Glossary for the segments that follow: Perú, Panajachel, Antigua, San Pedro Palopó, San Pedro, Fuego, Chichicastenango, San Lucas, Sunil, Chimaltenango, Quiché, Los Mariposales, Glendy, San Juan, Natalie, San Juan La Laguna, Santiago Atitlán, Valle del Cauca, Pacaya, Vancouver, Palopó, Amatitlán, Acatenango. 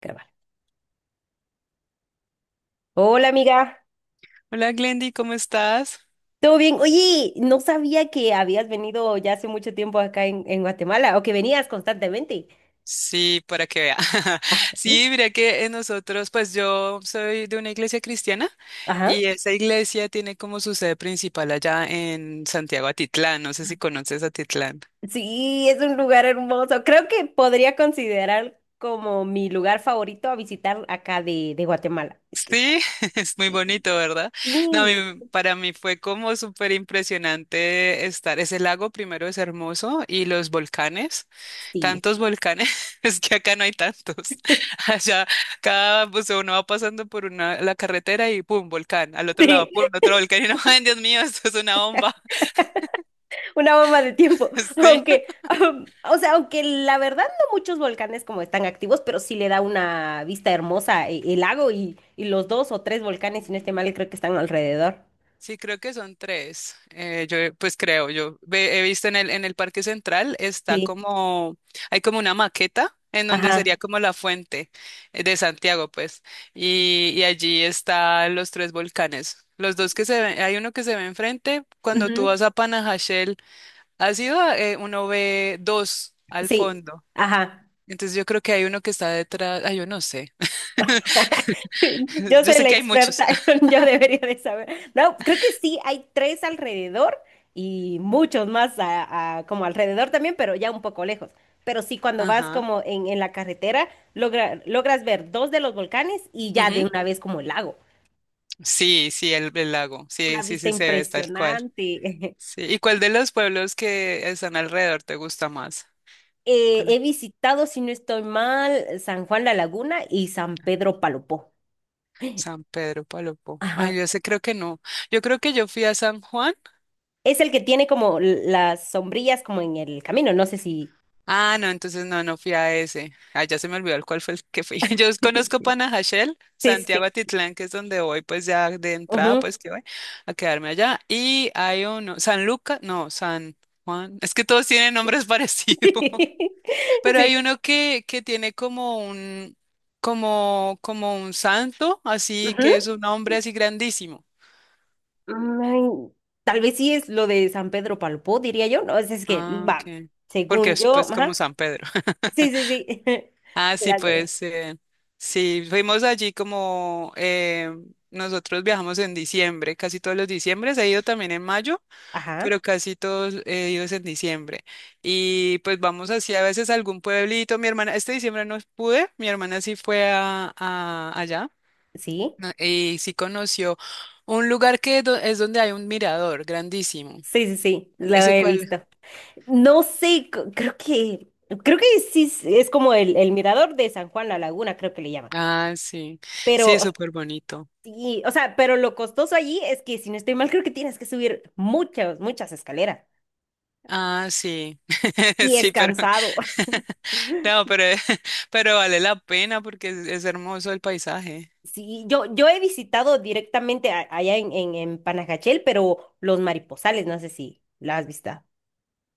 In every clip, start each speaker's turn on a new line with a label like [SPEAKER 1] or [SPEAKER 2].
[SPEAKER 1] Grabar. Hola amiga,
[SPEAKER 2] Hola Glendy, ¿cómo estás?
[SPEAKER 1] ¿todo bien? Oye, no sabía que habías venido ya hace mucho tiempo acá en Guatemala o que venías constantemente.
[SPEAKER 2] Sí, para que vea.
[SPEAKER 1] ¿Eh?
[SPEAKER 2] Sí, mira que nosotros, pues yo soy de una iglesia cristiana
[SPEAKER 1] Ajá.
[SPEAKER 2] y esa iglesia tiene como su sede principal allá en Santiago Atitlán. No sé si conoces Atitlán.
[SPEAKER 1] Sí, es un lugar hermoso. Creo que podría considerar como mi lugar favorito a visitar acá de Guatemala. Es que está...
[SPEAKER 2] Sí, es muy bonito, ¿verdad? No, a
[SPEAKER 1] Sí,
[SPEAKER 2] mí-
[SPEAKER 1] sí,
[SPEAKER 2] para mí fue como súper impresionante estar. Ese lago primero es hermoso y los volcanes. Tantos volcanes, es que acá no hay tantos. Allá, cada, pues uno va pasando por una, la carretera y pum, volcán. Al otro lado,
[SPEAKER 1] sí.
[SPEAKER 2] pum, otro volcán. Y no, ay, Dios mío, esto es una bomba.
[SPEAKER 1] Una bomba de tiempo, aunque, o sea, aunque la verdad no muchos volcanes como están activos, pero sí le da una vista hermosa el lago y los dos o tres volcanes, si no estoy
[SPEAKER 2] Sí.
[SPEAKER 1] mal, creo que están alrededor.
[SPEAKER 2] Sí, creo que son tres. Yo, pues creo, yo ve- he visto en el Parque Central está
[SPEAKER 1] Sí,
[SPEAKER 2] como, hay como una maqueta en donde
[SPEAKER 1] ajá,
[SPEAKER 2] sería como la fuente de Santiago, pues, y allí están los tres volcanes. Los dos que se ven, hay uno que se ve enfrente, cuando tú
[SPEAKER 1] ujú,
[SPEAKER 2] vas a Panajachel, has ido, a- uno ve dos al
[SPEAKER 1] sí,
[SPEAKER 2] fondo.
[SPEAKER 1] ajá.
[SPEAKER 2] Entonces yo creo que hay uno que está detrás, ah, yo no sé,
[SPEAKER 1] Yo
[SPEAKER 2] yo
[SPEAKER 1] soy
[SPEAKER 2] sé
[SPEAKER 1] la
[SPEAKER 2] que hay
[SPEAKER 1] experta,
[SPEAKER 2] muchos.
[SPEAKER 1] yo debería de saber. No, creo que sí, hay tres alrededor y muchos más como alrededor también, pero ya un poco lejos. Pero sí, cuando vas
[SPEAKER 2] Ajá.
[SPEAKER 1] como en la carretera, logras ver dos de los volcanes y ya de
[SPEAKER 2] Ujú.
[SPEAKER 1] una vez como el lago.
[SPEAKER 2] Sí, sí, el lago.
[SPEAKER 1] Una
[SPEAKER 2] Sí, sí,
[SPEAKER 1] vista
[SPEAKER 2] sí, se ve, es tal cual.
[SPEAKER 1] impresionante.
[SPEAKER 2] Sí. ¿Y cuál de los pueblos que están alrededor te gusta más? ¿Cuál
[SPEAKER 1] He visitado, si no estoy mal, San Juan La Laguna y San Pedro Palopó.
[SPEAKER 2] San Pedro, Palopó? Ay,
[SPEAKER 1] Ajá.
[SPEAKER 2] yo sé, creo que no. Yo creo que yo fui a San Juan.
[SPEAKER 1] Es el que tiene como las sombrillas como en el camino, no sé si...
[SPEAKER 2] Ah, no, entonces no, no fui a ese. Ah, ya se me olvidó el cuál fue el que fui. Yo conozco Panajachel,
[SPEAKER 1] Sí,
[SPEAKER 2] Santiago
[SPEAKER 1] sí.
[SPEAKER 2] Atitlán, que es donde voy, pues ya de entrada,
[SPEAKER 1] Ujú.
[SPEAKER 2] pues que voy a quedarme allá. Y hay uno, San Lucas, no, San Juan. Es que todos tienen nombres parecidos. Pero hay
[SPEAKER 1] Sí.
[SPEAKER 2] uno que tiene como un, como, como un santo, así que es
[SPEAKER 1] Ujú.
[SPEAKER 2] un hombre así grandísimo.
[SPEAKER 1] Mm, tal vez sí es lo de San Pedro Palpó, diría yo. No, es que,
[SPEAKER 2] Ah,
[SPEAKER 1] va,
[SPEAKER 2] ok. Porque
[SPEAKER 1] según
[SPEAKER 2] es
[SPEAKER 1] yo,
[SPEAKER 2] pues como
[SPEAKER 1] ajá.
[SPEAKER 2] San Pedro.
[SPEAKER 1] Sí, sí, sí.
[SPEAKER 2] Ah, sí,
[SPEAKER 1] La Gloria.
[SPEAKER 2] pues sí, fuimos allí como nosotros viajamos en diciembre, casi todos los diciembres, he ido también en mayo,
[SPEAKER 1] Ajá,
[SPEAKER 2] pero casi todos he ido es en diciembre. Y pues vamos así a veces a algún pueblito, mi hermana, este diciembre no pude, mi hermana sí fue a allá.
[SPEAKER 1] sí.
[SPEAKER 2] No, y sí conoció un lugar que do- es donde hay un mirador grandísimo.
[SPEAKER 1] Sí, sí, sí, lo
[SPEAKER 2] ¿Ese
[SPEAKER 1] he visto.
[SPEAKER 2] cuál?
[SPEAKER 1] No sé, creo que sí es como el mirador de San Juan La Laguna, creo que le llaman.
[SPEAKER 2] Ah, sí. Sí,
[SPEAKER 1] Pero,
[SPEAKER 2] es
[SPEAKER 1] o sea,
[SPEAKER 2] súper bonito.
[SPEAKER 1] sí, o sea, pero lo costoso allí es que, si no estoy mal, creo que tienes que subir muchas, muchas escaleras.
[SPEAKER 2] Ah, sí.
[SPEAKER 1] Y es
[SPEAKER 2] Sí, pero
[SPEAKER 1] cansado.
[SPEAKER 2] no, pero, pero vale la pena porque es hermoso el paisaje.
[SPEAKER 1] Sí, yo he visitado directamente allá en Panajachel, pero los mariposales, no sé si la has visto.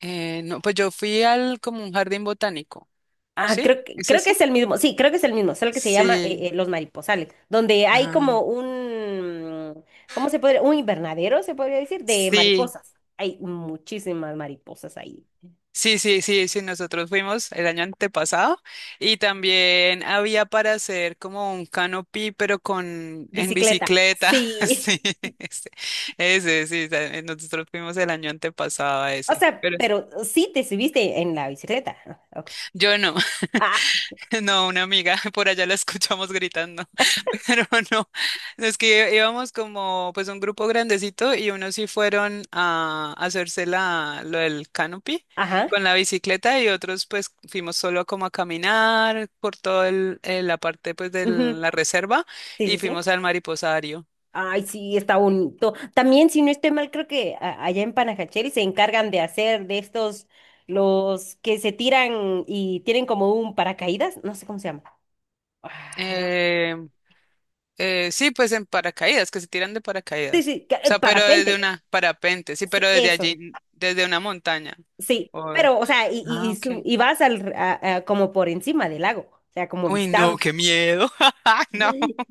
[SPEAKER 2] No, pues yo fui al como un jardín botánico.
[SPEAKER 1] Ah,
[SPEAKER 2] ¿Sí? ¿Es
[SPEAKER 1] creo que
[SPEAKER 2] ese?
[SPEAKER 1] es el mismo, sí, creo que es el mismo, solo que se llama
[SPEAKER 2] Sí.
[SPEAKER 1] Los Mariposales, donde hay
[SPEAKER 2] Ajá.
[SPEAKER 1] como un, ¿cómo se podría? Un invernadero, se podría decir, de
[SPEAKER 2] Sí.
[SPEAKER 1] mariposas. Hay muchísimas mariposas ahí.
[SPEAKER 2] Sí, sí, sí, sí, nosotros fuimos el año antepasado y también había para hacer como un canopy, pero con en
[SPEAKER 1] Bicicleta,
[SPEAKER 2] bicicleta.
[SPEAKER 1] sí.
[SPEAKER 2] Sí, ese, sí, ta- nosotros fuimos el año antepasado a
[SPEAKER 1] O
[SPEAKER 2] ese.
[SPEAKER 1] sea,
[SPEAKER 2] Pero
[SPEAKER 1] pero sí te subiste en la bicicleta. Ah, ok.
[SPEAKER 2] yo no,
[SPEAKER 1] Ah,
[SPEAKER 2] no, una amiga, por allá la escuchamos gritando. Pero no, no, es que íbamos como pues un grupo grandecito y unos sí fueron a hacerse la, lo del canopy
[SPEAKER 1] ajá,
[SPEAKER 2] con la bicicleta y otros pues fuimos solo como a caminar por toda la parte pues de
[SPEAKER 1] ujú,
[SPEAKER 2] la reserva
[SPEAKER 1] sí, sí,
[SPEAKER 2] y
[SPEAKER 1] sí.
[SPEAKER 2] fuimos al mariposario.
[SPEAKER 1] Ay, sí, está bonito. También, si no estoy mal, creo que allá en Panajachel se encargan de hacer de estos, los que se tiran y tienen como un paracaídas, no sé cómo se llama. Ah,
[SPEAKER 2] Eh, sí, pues en paracaídas, que se tiran de
[SPEAKER 1] sí,
[SPEAKER 2] paracaídas.
[SPEAKER 1] sí,
[SPEAKER 2] O
[SPEAKER 1] el
[SPEAKER 2] sea, pero desde
[SPEAKER 1] parapente.
[SPEAKER 2] una parapente, sí,
[SPEAKER 1] Sí,
[SPEAKER 2] pero desde
[SPEAKER 1] eso.
[SPEAKER 2] allí, desde una montaña.
[SPEAKER 1] Sí,
[SPEAKER 2] O-
[SPEAKER 1] pero, o sea,
[SPEAKER 2] ah,
[SPEAKER 1] y
[SPEAKER 2] ok.
[SPEAKER 1] y vas al, como por encima del lago, o sea, como
[SPEAKER 2] Uy, no,
[SPEAKER 1] vistando.
[SPEAKER 2] qué miedo. No.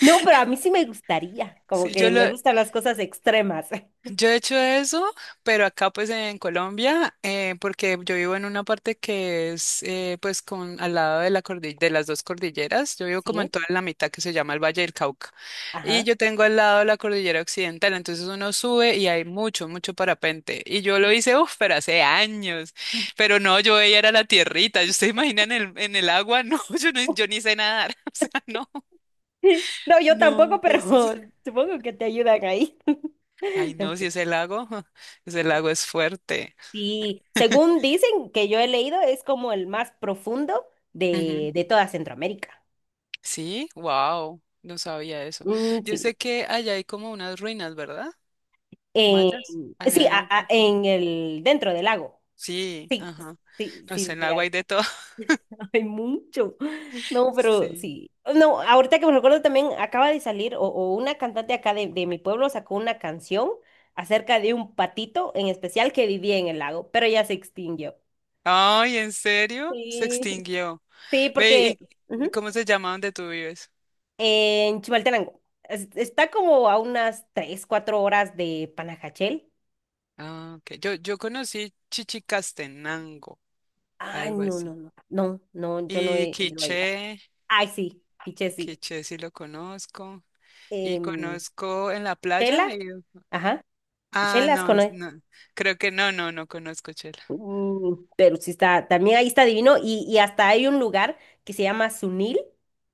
[SPEAKER 1] No, pero a mí sí me gustaría, como
[SPEAKER 2] Sí, yo
[SPEAKER 1] que
[SPEAKER 2] lo,
[SPEAKER 1] me gustan las cosas extremas.
[SPEAKER 2] yo he hecho eso, pero acá pues en Colombia, porque yo vivo en una parte que es pues con al lado de la cordi- de las dos cordilleras, yo vivo como en
[SPEAKER 1] Sí,
[SPEAKER 2] toda la mitad que se llama el Valle del Cauca, y
[SPEAKER 1] ajá.
[SPEAKER 2] yo tengo al lado la cordillera occidental, entonces uno sube y hay mucho, mucho parapente, y yo lo hice, uff, pero hace años, pero no, yo ella era la tierrita, ¿ustedes imaginan en el agua? No, yo, no, yo ni sé nadar, o sea, no,
[SPEAKER 1] No, yo tampoco,
[SPEAKER 2] no,
[SPEAKER 1] pero
[SPEAKER 2] Jesús.
[SPEAKER 1] supongo que te ayudan ahí.
[SPEAKER 2] Ay,
[SPEAKER 1] No,
[SPEAKER 2] no, si
[SPEAKER 1] pero
[SPEAKER 2] ese lago, ese
[SPEAKER 1] sí,
[SPEAKER 2] lago es fuerte.
[SPEAKER 1] sí, según dicen que yo he leído, es como el más profundo
[SPEAKER 2] Ujú.
[SPEAKER 1] de toda Centroamérica.
[SPEAKER 2] Sí, wow, no sabía eso.
[SPEAKER 1] Mm,
[SPEAKER 2] Yo
[SPEAKER 1] sí,
[SPEAKER 2] sé que allá hay como unas ruinas, ¿verdad?
[SPEAKER 1] en,
[SPEAKER 2] Mayas, allá
[SPEAKER 1] sí,
[SPEAKER 2] en lo profundo.
[SPEAKER 1] en el, dentro del lago.
[SPEAKER 2] Sí,
[SPEAKER 1] Sí,
[SPEAKER 2] ajá.
[SPEAKER 1] sí, sí,
[SPEAKER 2] No sé,
[SPEAKER 1] sí,
[SPEAKER 2] en el
[SPEAKER 1] sí
[SPEAKER 2] agua
[SPEAKER 1] hay.
[SPEAKER 2] hay de todo.
[SPEAKER 1] Hay mucho. No, pero
[SPEAKER 2] Sí.
[SPEAKER 1] sí. No, ahorita que me recuerdo también acaba de salir o una cantante acá de mi pueblo sacó una canción acerca de un patito en especial que vivía en el lago, pero ya se extinguió.
[SPEAKER 2] Ay, ¿en serio? Se
[SPEAKER 1] Sí,
[SPEAKER 2] extinguió.
[SPEAKER 1] sí,
[SPEAKER 2] Ve,
[SPEAKER 1] porque
[SPEAKER 2] y
[SPEAKER 1] ujú,
[SPEAKER 2] cómo se llama donde tú vives?
[SPEAKER 1] en Chimaltenango está como a unas 3 4 horas de Panajachel.
[SPEAKER 2] Ah, ok. Yo conocí Chichicastenango,
[SPEAKER 1] Ay,
[SPEAKER 2] algo
[SPEAKER 1] no, no,
[SPEAKER 2] así.
[SPEAKER 1] no. No, no, yo no
[SPEAKER 2] Y
[SPEAKER 1] he ido ahí.
[SPEAKER 2] Quiché,
[SPEAKER 1] Ay, sí, piche,
[SPEAKER 2] el
[SPEAKER 1] sí.
[SPEAKER 2] Quiché sí lo conozco. Y
[SPEAKER 1] Em,
[SPEAKER 2] conozco en la playa.
[SPEAKER 1] Shela, ajá.
[SPEAKER 2] Ah,
[SPEAKER 1] Shela,
[SPEAKER 2] no, es- no. Creo que no, no, no conozco chela.
[SPEAKER 1] mm, pero sí está, también ahí está divino y hasta hay un lugar que se llama Sunil,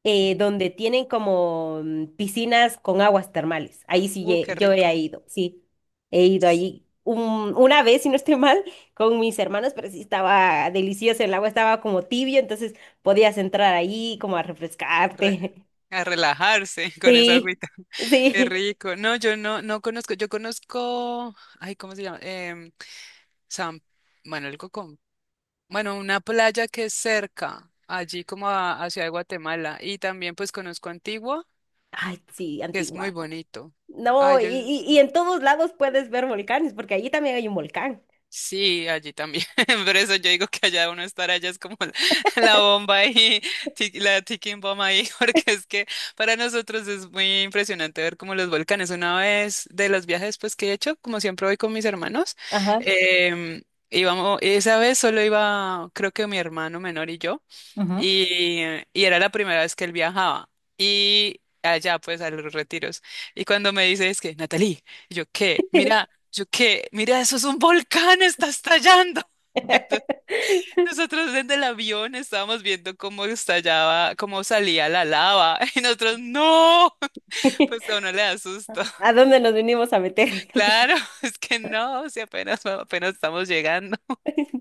[SPEAKER 2] Ujú.
[SPEAKER 1] donde tienen como mm, piscinas con aguas termales. Ahí sí,
[SPEAKER 2] Qué
[SPEAKER 1] yo he
[SPEAKER 2] rico.
[SPEAKER 1] ido, sí, he ido
[SPEAKER 2] Sí,
[SPEAKER 1] allí una vez, si no estoy mal, con mis hermanos, pero sí estaba delicioso, el agua estaba como tibio, entonces podías entrar ahí como a refrescarte.
[SPEAKER 2] re- a relajarse con esa
[SPEAKER 1] Sí,
[SPEAKER 2] agüita. Qué
[SPEAKER 1] sí.
[SPEAKER 2] rico. No, yo no, no conozco. Yo conozco, ay, ¿cómo se llama? San, bueno, algo con, bueno, una playa que es cerca, allí como a, hacia Guatemala. Y también pues conozco Antigua,
[SPEAKER 1] Ay, sí,
[SPEAKER 2] que es muy
[SPEAKER 1] Antigua.
[SPEAKER 2] bonito.
[SPEAKER 1] No,
[SPEAKER 2] Ay, yo,
[SPEAKER 1] y
[SPEAKER 2] sí.
[SPEAKER 1] en todos lados puedes ver volcanes, porque allí también hay un volcán.
[SPEAKER 2] Sí, allí también. Por eso yo digo que allá uno estar allá es como la bomba ahí, ti- la ticking bomb ahí, porque es que para nosotros es muy impresionante ver como los volcanes. Una vez de los viajes pues que he hecho, como siempre voy con mis hermanos,
[SPEAKER 1] Ajá.
[SPEAKER 2] em, íbamos, esa vez solo iba, creo que mi hermano menor y yo,
[SPEAKER 1] Ujú.
[SPEAKER 2] y, y era la primera vez que él viajaba. Y allá pues a los retiros. Y cuando me dice es que, Natalie, y yo, ¿qué? Mira. Yo qué, mira, eso es un volcán, está estallando. Nosotros desde el avión estábamos viendo cómo estallaba, cómo salía la lava. Y nosotros, no, pues a uno le da susto.
[SPEAKER 1] ¿A dónde nos venimos a meter?
[SPEAKER 2] Claro, es que no, si apenas, apenas estamos llegando.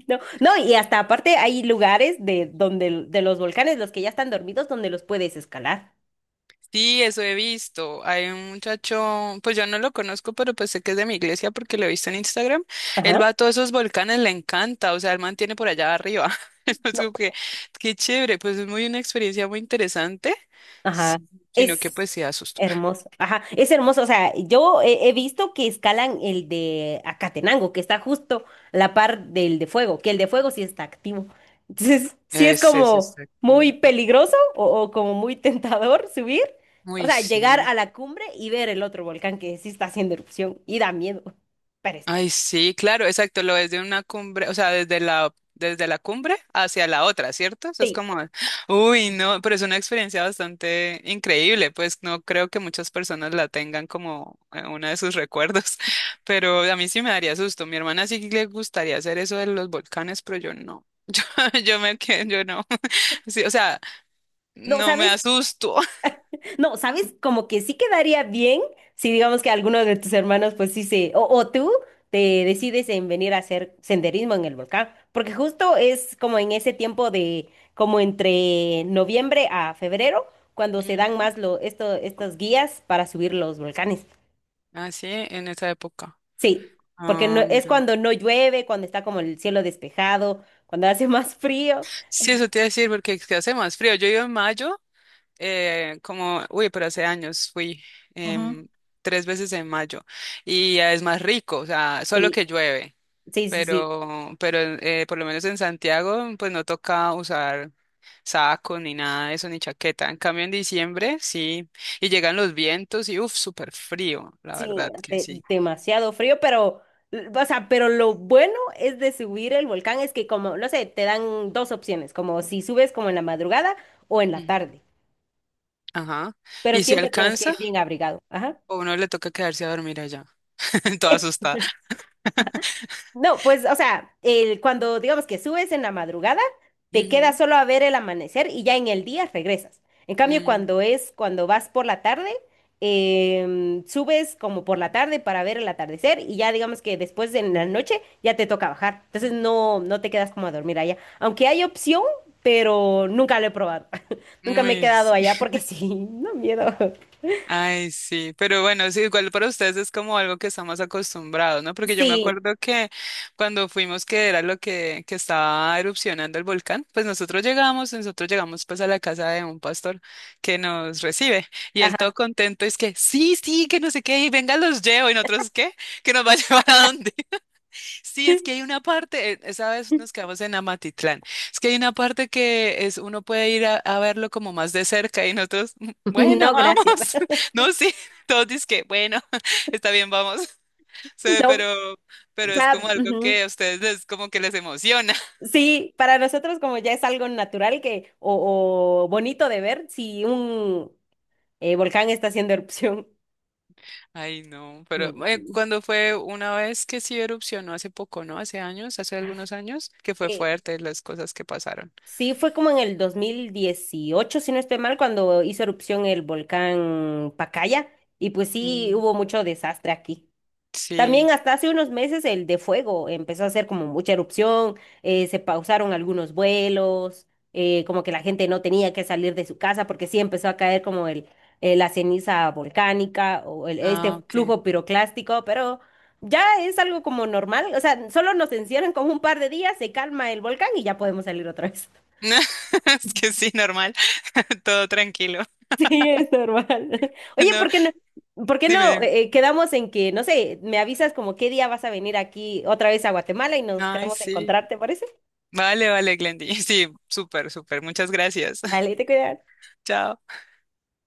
[SPEAKER 1] No, no, y hasta aparte hay lugares de donde de los volcanes, los que ya están dormidos, donde los puedes escalar.
[SPEAKER 2] Sí, eso he visto. Hay un muchacho, pues yo no lo conozco, pero pues sé que es de mi iglesia porque lo he visto en Instagram.
[SPEAKER 1] Ajá.
[SPEAKER 2] Él va a todos esos volcanes, le encanta, o sea, él mantiene por allá arriba. Es como que, qué chévere, pues es muy una experiencia muy interesante, sí,
[SPEAKER 1] Ajá,
[SPEAKER 2] sino que
[SPEAKER 1] es
[SPEAKER 2] pues sí asusto.
[SPEAKER 1] hermoso. Ajá, es hermoso. O sea, yo he, he visto que escalan el de Acatenango, que está justo a la par del de Fuego, que el de Fuego sí está activo. Entonces, sí es
[SPEAKER 2] Ese
[SPEAKER 1] como
[SPEAKER 2] es
[SPEAKER 1] muy
[SPEAKER 2] activo.
[SPEAKER 1] peligroso o como muy tentador subir. O
[SPEAKER 2] Uy
[SPEAKER 1] sea, llegar
[SPEAKER 2] sí.
[SPEAKER 1] a la cumbre y ver el otro volcán que sí está haciendo erupción y da miedo. Pero es
[SPEAKER 2] Ay, sí, claro, exacto, lo ves de una cumbre, o sea, desde la cumbre hacia la otra, ¿cierto? Eso es
[SPEAKER 1] sí.
[SPEAKER 2] como, uy,
[SPEAKER 1] Sí.
[SPEAKER 2] no, pero es una experiencia bastante increíble, pues no creo que muchas personas la tengan como una de sus recuerdos, pero a mí sí me daría susto. Mi hermana sí le gustaría hacer eso de los volcanes, pero yo no. Yo me quedo, yo no. Sí, o sea,
[SPEAKER 1] No,
[SPEAKER 2] no me
[SPEAKER 1] ¿sabes?
[SPEAKER 2] asusto.
[SPEAKER 1] No, ¿sabes? Como que sí quedaría bien si digamos que alguno de tus hermanos, pues sí se, o tú te decides en venir a hacer senderismo en el volcán, porque justo es como en ese tiempo de, como entre noviembre a febrero, cuando se dan
[SPEAKER 2] Mm,
[SPEAKER 1] más lo, esto, estas guías para subir los volcanes.
[SPEAKER 2] así en esa época.
[SPEAKER 1] Sí, porque no,
[SPEAKER 2] Ah,
[SPEAKER 1] es
[SPEAKER 2] mira.
[SPEAKER 1] cuando no llueve, cuando está como el cielo despejado, cuando hace más frío.
[SPEAKER 2] Sí, eso te iba a decir, porque es que hace más frío. Yo iba en mayo como, uy, pero hace años fui
[SPEAKER 1] Ujú.
[SPEAKER 2] em, 3 veces en mayo y es más rico, o sea, solo
[SPEAKER 1] Sí,
[SPEAKER 2] que llueve,
[SPEAKER 1] sí, sí, sí.
[SPEAKER 2] pero por lo menos en Santiago, pues no toca usar saco ni nada de eso, ni chaqueta. En cambio, en diciembre, sí, y llegan los vientos y, uff, súper frío, la
[SPEAKER 1] Sí,
[SPEAKER 2] verdad que sí.
[SPEAKER 1] demasiado frío, pero, o sea, pero lo bueno es de subir el volcán es que como, no sé, te dan dos opciones, como si subes como en la madrugada o en la
[SPEAKER 2] Ujú.
[SPEAKER 1] tarde,
[SPEAKER 2] Ajá.
[SPEAKER 1] pero
[SPEAKER 2] ¿Y si
[SPEAKER 1] siempre tienes que ir
[SPEAKER 2] alcanza?
[SPEAKER 1] bien abrigado. Ajá.
[SPEAKER 2] O uno le toca quedarse a dormir allá, toda asustada.
[SPEAKER 1] No, pues, o sea, el, cuando digamos que subes en la madrugada, te quedas
[SPEAKER 2] Ujú.
[SPEAKER 1] solo a ver el amanecer y ya en el día regresas. En cambio, cuando
[SPEAKER 2] Mm,
[SPEAKER 1] es, cuando vas por la tarde, subes como por la tarde para ver el atardecer y ya digamos que después de la noche ya te toca bajar. Entonces no, no te quedas como a dormir allá. Aunque hay opción, pero nunca lo he probado. Nunca me he
[SPEAKER 2] uy,
[SPEAKER 1] quedado
[SPEAKER 2] sí.
[SPEAKER 1] allá porque sí, no miedo.
[SPEAKER 2] Ay, sí, pero bueno, sí, igual para ustedes es como algo que estamos acostumbrados, ¿no? Porque yo me
[SPEAKER 1] Sí,
[SPEAKER 2] acuerdo que cuando fuimos, que era lo que estaba erupcionando el volcán, pues nosotros llegamos pues a la casa de un pastor que nos recibe y él
[SPEAKER 1] ajá.
[SPEAKER 2] todo contento es que sí, sí, que no sé qué, y venga, los llevo y nosotros qué, que nos va a llevar a dónde. Sí, es que hay una parte, esa vez nos quedamos en Amatitlán, es que hay una parte que es, uno puede ir a verlo como más de cerca y nosotros, "Mm, bueno,
[SPEAKER 1] No,
[SPEAKER 2] vamos,
[SPEAKER 1] gracias.
[SPEAKER 2] no, sí, todos dicen que, bueno, está bien, vamos, Sí,
[SPEAKER 1] No,
[SPEAKER 2] pero es
[SPEAKER 1] ya.
[SPEAKER 2] como algo
[SPEAKER 1] Ujú.
[SPEAKER 2] que a ustedes les, como que les emociona.
[SPEAKER 1] Sí, para nosotros como ya es algo natural que, o bonito de ver si un volcán está haciendo erupción.
[SPEAKER 2] Ay, no, pero
[SPEAKER 1] No, no, sí.
[SPEAKER 2] cuando fue una vez que sí erupcionó hace poco, ¿no? Hace años, hace algunos años, que fue
[SPEAKER 1] Eh,
[SPEAKER 2] fuerte las cosas que pasaron.
[SPEAKER 1] sí, fue como en el 2018, si no estoy mal, cuando hizo erupción el volcán Pacaya, y pues sí,
[SPEAKER 2] Mm,
[SPEAKER 1] hubo mucho desastre aquí.
[SPEAKER 2] sí.
[SPEAKER 1] También hasta hace unos meses el de fuego empezó a hacer como mucha erupción, se pausaron algunos vuelos, como que la gente no tenía que salir de su casa porque sí empezó a caer como el, la ceniza volcánica o este
[SPEAKER 2] Ah, ok.
[SPEAKER 1] flujo piroclástico, pero ya es algo como normal, o sea, solo nos encierran como un par de días, se calma el volcán y ya podemos salir otra vez.
[SPEAKER 2] Es que sí, normal. Todo tranquilo.
[SPEAKER 1] Sí, es normal. Oye,
[SPEAKER 2] No,
[SPEAKER 1] por qué
[SPEAKER 2] dime,
[SPEAKER 1] no
[SPEAKER 2] dime.
[SPEAKER 1] quedamos en que, no sé, me avisas como qué día vas a venir aquí otra vez a Guatemala y nos
[SPEAKER 2] Ay,
[SPEAKER 1] quedamos a
[SPEAKER 2] sí.
[SPEAKER 1] encontrarte, ¿parece?
[SPEAKER 2] Vale, vale, Glendy. Sí, súper, súper. Muchas gracias.
[SPEAKER 1] Dale, te cuidas.
[SPEAKER 2] Chao.